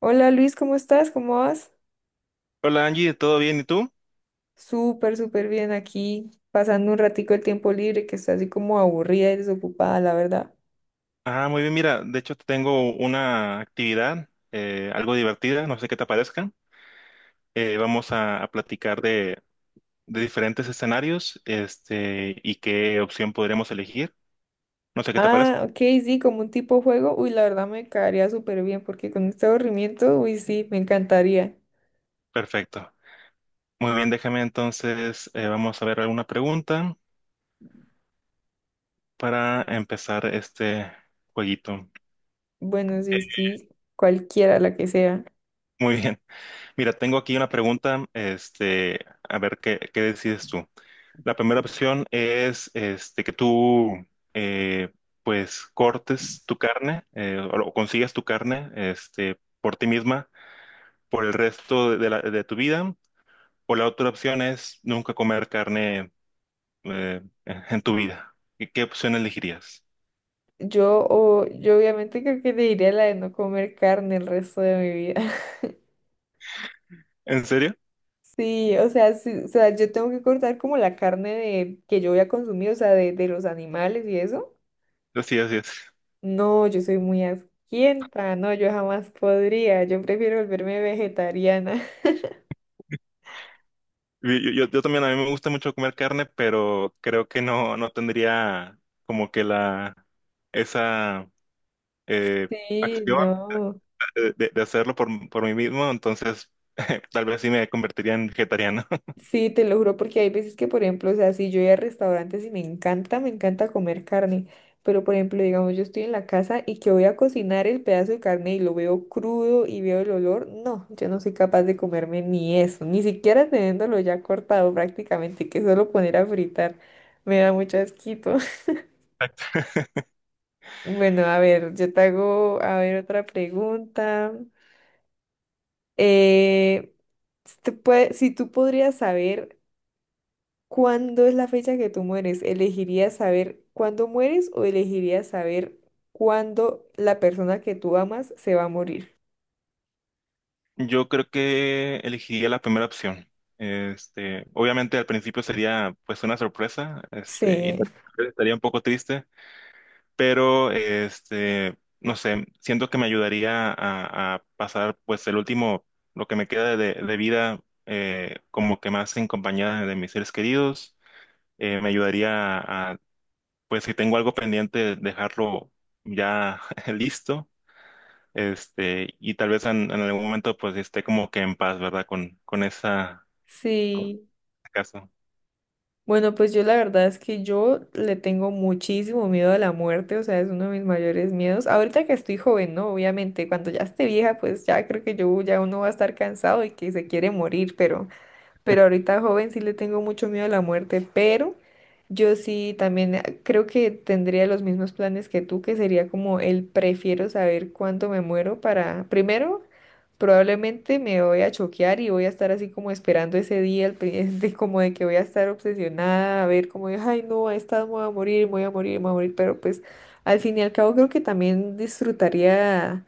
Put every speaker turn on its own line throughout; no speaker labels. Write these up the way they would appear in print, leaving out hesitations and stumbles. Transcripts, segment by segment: Hola Luis, ¿cómo estás? ¿Cómo vas?
Hola Angie, ¿todo bien? ¿Y tú?
Súper, súper bien aquí, pasando un ratico el tiempo libre, que estoy así como aburrida y desocupada, la verdad.
Ah, muy bien, mira, de hecho te tengo una actividad, algo divertida, no sé qué te parezca. Vamos a platicar de diferentes escenarios, este, y qué opción podríamos elegir. No sé qué te parezca.
Ah, ok, sí, como un tipo juego. Uy, la verdad me caería súper bien, porque con este aburrimiento, uy, sí, me encantaría.
Perfecto. Muy bien, déjame entonces, vamos a ver alguna pregunta para empezar este jueguito.
Bueno, sí, sí, cualquiera, la que sea.
Muy bien. Mira, tengo aquí una pregunta, este, a ver qué decides tú. La primera opción es este, que tú eh, pues cortes tu carne, consigas tu carne, este, por ti misma, por el resto de, de tu vida. O la otra opción es nunca comer carne, en tu vida. ¿Y qué opción elegirías?
O yo obviamente creo que te diría la de no comer carne el resto de mi vida.
¿En serio?
Sí, o sea, yo tengo que cortar como la carne de, que yo voy a consumir, o sea, de los animales y eso.
Sí, así es.
No, yo soy muy asquienta, no, yo jamás podría, yo prefiero volverme vegetariana.
Yo también, a mí me gusta mucho comer carne, pero creo que no tendría como que la, esa, eh,
Sí,
acción
no.
de hacerlo por mí mismo, entonces tal vez sí me convertiría en vegetariano.
Sí, te lo juro, porque hay veces que, por ejemplo, o sea, si yo voy a restaurantes y me encanta comer carne, pero por ejemplo, digamos, yo estoy en la casa y que voy a cocinar el pedazo de carne y lo veo crudo y veo el olor, no, yo no soy capaz de comerme ni eso, ni siquiera teniéndolo ya cortado prácticamente, que solo poner a fritar me da mucho asquito. Bueno, a ver, yo te hago, a ver, otra pregunta. Eh, si tú podrías saber cuándo es la fecha que tú mueres, ¿elegirías saber cuándo mueres o elegirías saber cuándo la persona que tú amas se va a morir?
Yo creo que elegiría la primera opción. Este, obviamente al principio sería pues una sorpresa, este, y
Sí,
tal vez estaría un poco triste, pero este, no sé, siento que me ayudaría a pasar pues el último, lo que me queda de vida, como que más en compañía de mis seres queridos. Me ayudaría a, a, pues si tengo algo pendiente, dejarlo ya listo, este, y tal vez en algún momento pues esté como que en paz, ¿verdad? Con esa, con
sí.
ese caso.
Bueno, pues yo la verdad es que yo le tengo muchísimo miedo a la muerte, o sea, es uno de mis mayores miedos. Ahorita que estoy joven, ¿no? Obviamente, cuando ya esté vieja, pues ya creo que yo ya uno va a estar cansado y que se quiere morir, pero ahorita joven sí le tengo mucho miedo a la muerte, pero yo sí también creo que tendría los mismos planes que tú, que sería como el prefiero saber cuándo me muero para, primero, probablemente me voy a choquear y voy a estar así como esperando ese día, de, como de que voy a estar obsesionada, a ver como, de, ay no, a esta me voy a morir, me voy a morir, me voy a morir, pero pues al fin y al cabo creo que también disfrutaría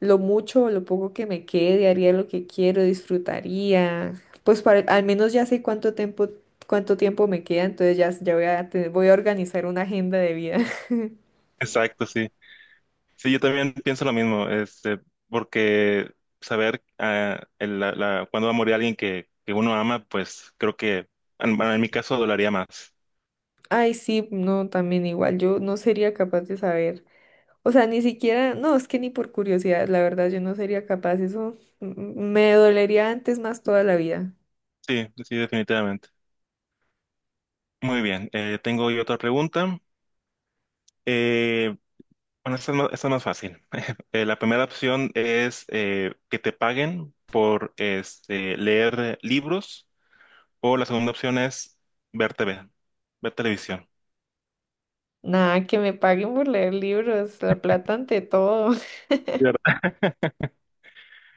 lo mucho o lo poco que me quede, haría lo que quiero, disfrutaría, pues para, al menos ya sé cuánto tiempo me queda, entonces ya, voy a organizar una agenda de vida.
Exacto, sí. Sí, yo también pienso lo mismo, este, porque saber, ah, la, cuándo va a morir alguien que uno ama, pues creo que en, bueno, en mi caso dolería más.
Ay, sí, no, también igual, yo no sería capaz de saber. O sea, ni siquiera, no, es que ni por curiosidad, la verdad, yo no sería capaz, me dolería antes más toda la vida.
Sí, sí, definitivamente. Muy bien, tengo yo otra pregunta. Eh, bueno, esta es más fácil. La primera opción es, que te paguen por, este, leer libros, o la segunda opción es ver TV, ver televisión.
Nada, que me paguen por leer libros, la plata ante todo.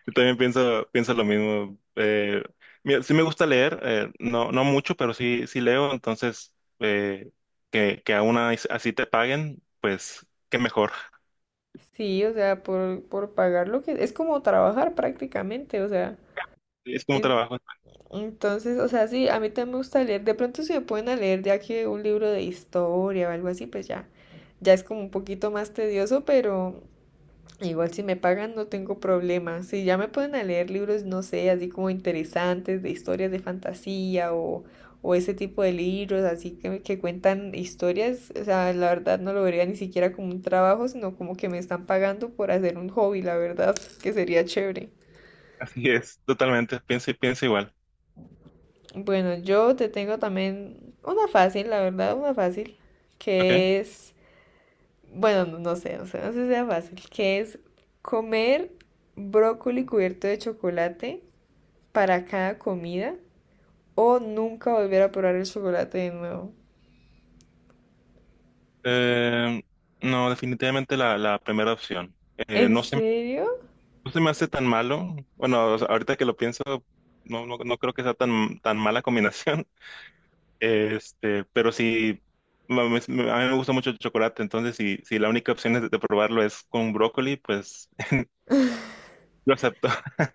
Yo también pienso lo mismo. Mira, sí me gusta leer, no, no mucho, pero sí, sí leo, entonces, eh, que aún así te paguen, pues qué mejor.
Sí, o sea, por pagar lo que... Es como trabajar prácticamente, o sea.
Sí, es como un trabajo.
Entonces, o sea, sí, a mí también me gusta leer. De pronto si me pueden a leer ya que un libro de historia o algo así, pues ya, ya es como un poquito más tedioso, pero igual si me pagan no tengo problema. Si ya me pueden a leer libros, no sé, así como interesantes, de historias de fantasía o ese tipo de libros, así que cuentan historias, o sea, la verdad no lo vería ni siquiera como un trabajo, sino como que me están pagando por hacer un hobby, la verdad, que sería chévere.
Así es, totalmente, pienso igual.
Bueno, yo te tengo también una fácil, la verdad, una fácil,
¿Ok?
que es, bueno, no sé si sea fácil, que es comer brócoli cubierto de chocolate para cada comida o nunca volver a probar el chocolate de nuevo.
Eh, no, definitivamente la primera opción.
¿En
No se,
serio?
no se me hace tan malo. Bueno, o sea, ahorita que lo pienso, no creo que sea tan mala combinación. Este, pero si a mí me gusta mucho el chocolate, entonces si, si la única opción es de probarlo es con brócoli, pues lo acepto.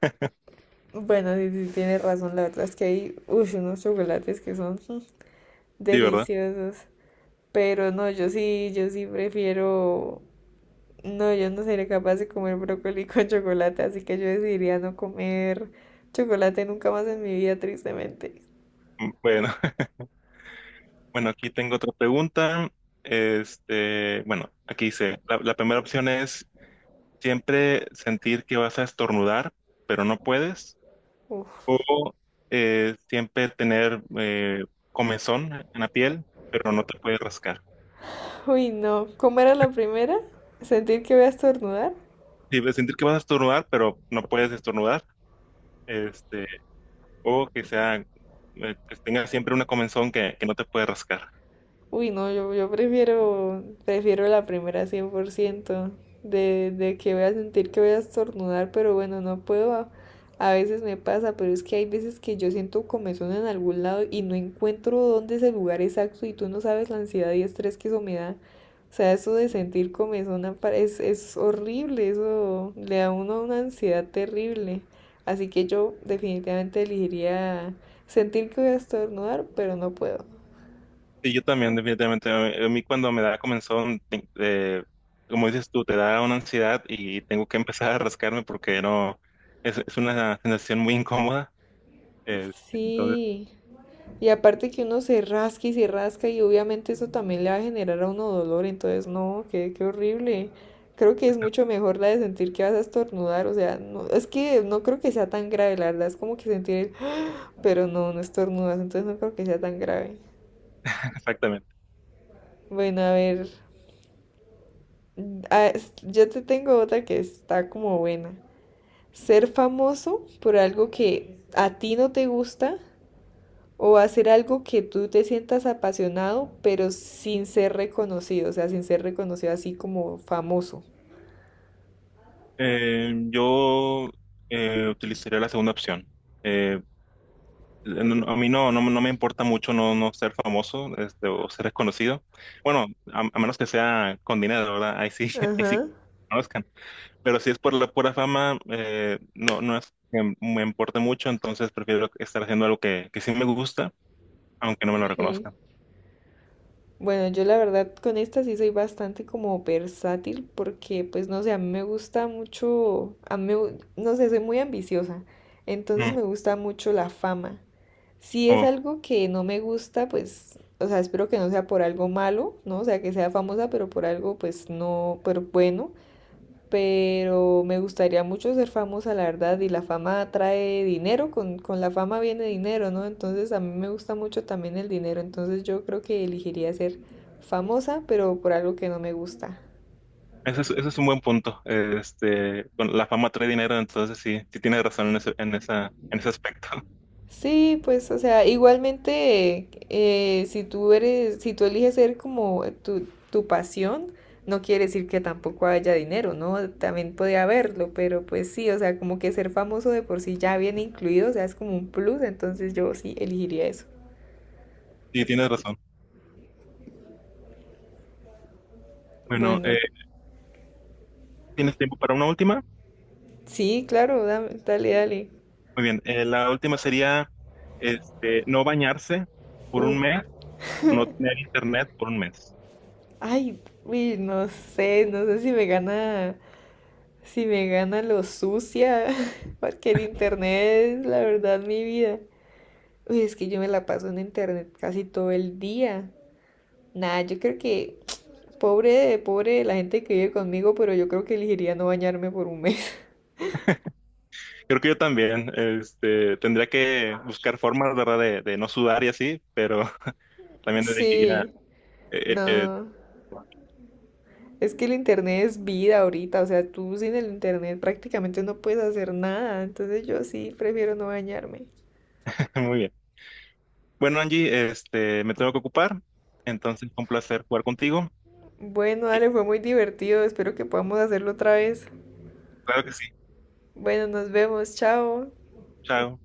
Bueno, sí, sí, tienes razón, la verdad es que hay uy, unos chocolates que son mm,
Sí, ¿verdad?
deliciosos, pero no, yo sí prefiero. No, yo no sería capaz de comer brócoli con chocolate, así que yo decidiría no comer chocolate nunca más en mi vida, tristemente.
Mm, bueno, bueno, aquí tengo otra pregunta. Este, bueno, aquí dice, la primera opción es siempre sentir que vas a estornudar, pero no puedes,
Uf.
o siempre tener, comezón en la piel, pero no te puedes rascar.
Uy, no. ¿Cómo era la primera? ¿Sentir que voy a estornudar?
Sí, sentir que vas a estornudar, pero no puedes estornudar. Este, o que sea, que tenga siempre una comenzón que no te puede rascar.
Uy, no, yo prefiero, prefiero la primera 100% de que voy a sentir que voy a estornudar, pero bueno, no puedo, a veces me pasa, pero es que hay veces que yo siento comezón en algún lado y no encuentro dónde es el lugar exacto y tú no sabes la ansiedad y estrés que eso me da. O sea, eso de sentir es horrible, eso le da a uno una ansiedad terrible. Así que yo definitivamente elegiría sentir que voy a estornudar, pero no puedo.
Sí, yo también, definitivamente. A mí cuando me da comenzón, como dices tú, te da una ansiedad y tengo que empezar a rascarme porque no, es una sensación muy incómoda. Este, entonces,
Sí. Y aparte que uno se rasca y obviamente eso también le va a generar a uno dolor, entonces no, qué, qué horrible. Creo que es mucho mejor la de sentir que vas a estornudar, o sea, no, es que no creo que sea tan grave, la verdad, es como que sentir el, pero no, no estornudas, entonces no creo que sea tan grave.
exactamente.
Bueno, a ver, ah, yo te tengo otra que está como buena. Ser famoso por algo que a ti no te gusta, o hacer algo que tú te sientas apasionado, pero sin ser reconocido, o sea, sin ser reconocido así como famoso.
Yo, utilizaría la segunda opción. eh, A mí no, no me importa mucho no, no ser famoso, este, o ser reconocido. Bueno, a menos que sea con dinero, ¿verdad? Ahí sí, ahí sí que
Ajá,
me conozcan. Pero si es por la pura fama, no, no es que me importe mucho, entonces prefiero estar haciendo algo que sí me gusta, aunque no me lo
sí.
reconozcan.
Bueno, yo la verdad con esta sí soy bastante como versátil porque pues no sé, a mí me gusta mucho, a mí, no sé, soy muy ambiciosa, entonces
Mm.
me gusta mucho la fama. Si es
Oh,
algo que no me gusta, pues, o sea, espero que no sea por algo malo, ¿no? O sea, que sea famosa, pero por algo pues no, pero bueno. Pero me gustaría mucho ser famosa, la verdad, y la fama trae dinero, con la fama viene dinero, ¿no? Entonces a mí me gusta mucho también el dinero, entonces yo creo que elegiría ser famosa, pero por algo que no me gusta.
ese es un buen punto. Este, con la fama trae dinero, entonces sí, sí tienes razón en en ese aspecto.
Sí, pues, o sea, igualmente, si tú eres, si tú eliges ser como tu pasión, no quiere decir que tampoco haya dinero, ¿no? También podría haberlo, pero pues sí, o sea, como que ser famoso de por sí ya viene incluido, o sea, es como un plus, entonces yo sí elegiría eso.
Sí, tienes razón. Bueno,
Bueno,
¿tienes tiempo para una última?
sí, claro, dale, dale.
Muy bien, la última sería este, no bañarse por
Uf,
un mes, no tener internet por un mes.
ay, uy, no sé, no sé si me gana, si me gana lo sucia, porque el internet es la verdad mi vida. Uy, es que yo me la paso en internet casi todo el día. Nada, yo creo que, pobre, pobre de la gente que vive conmigo, pero yo creo que elegiría no bañarme por 1 mes.
Creo que yo también, este, tendría que buscar formas, ¿verdad?, de no sudar y así, pero también elegiría...
Sí,
eh, eh,
no. Es que el internet es vida ahorita, o sea, tú sin el internet prácticamente no puedes hacer nada, entonces yo sí prefiero no bañarme.
muy bien. Bueno, Angie, este, me tengo que ocupar, entonces fue un placer jugar contigo.
Bueno,
Y
dale, fue muy divertido, espero que podamos hacerlo otra vez.
claro que sí.
Bueno, nos vemos, chao.
Chao.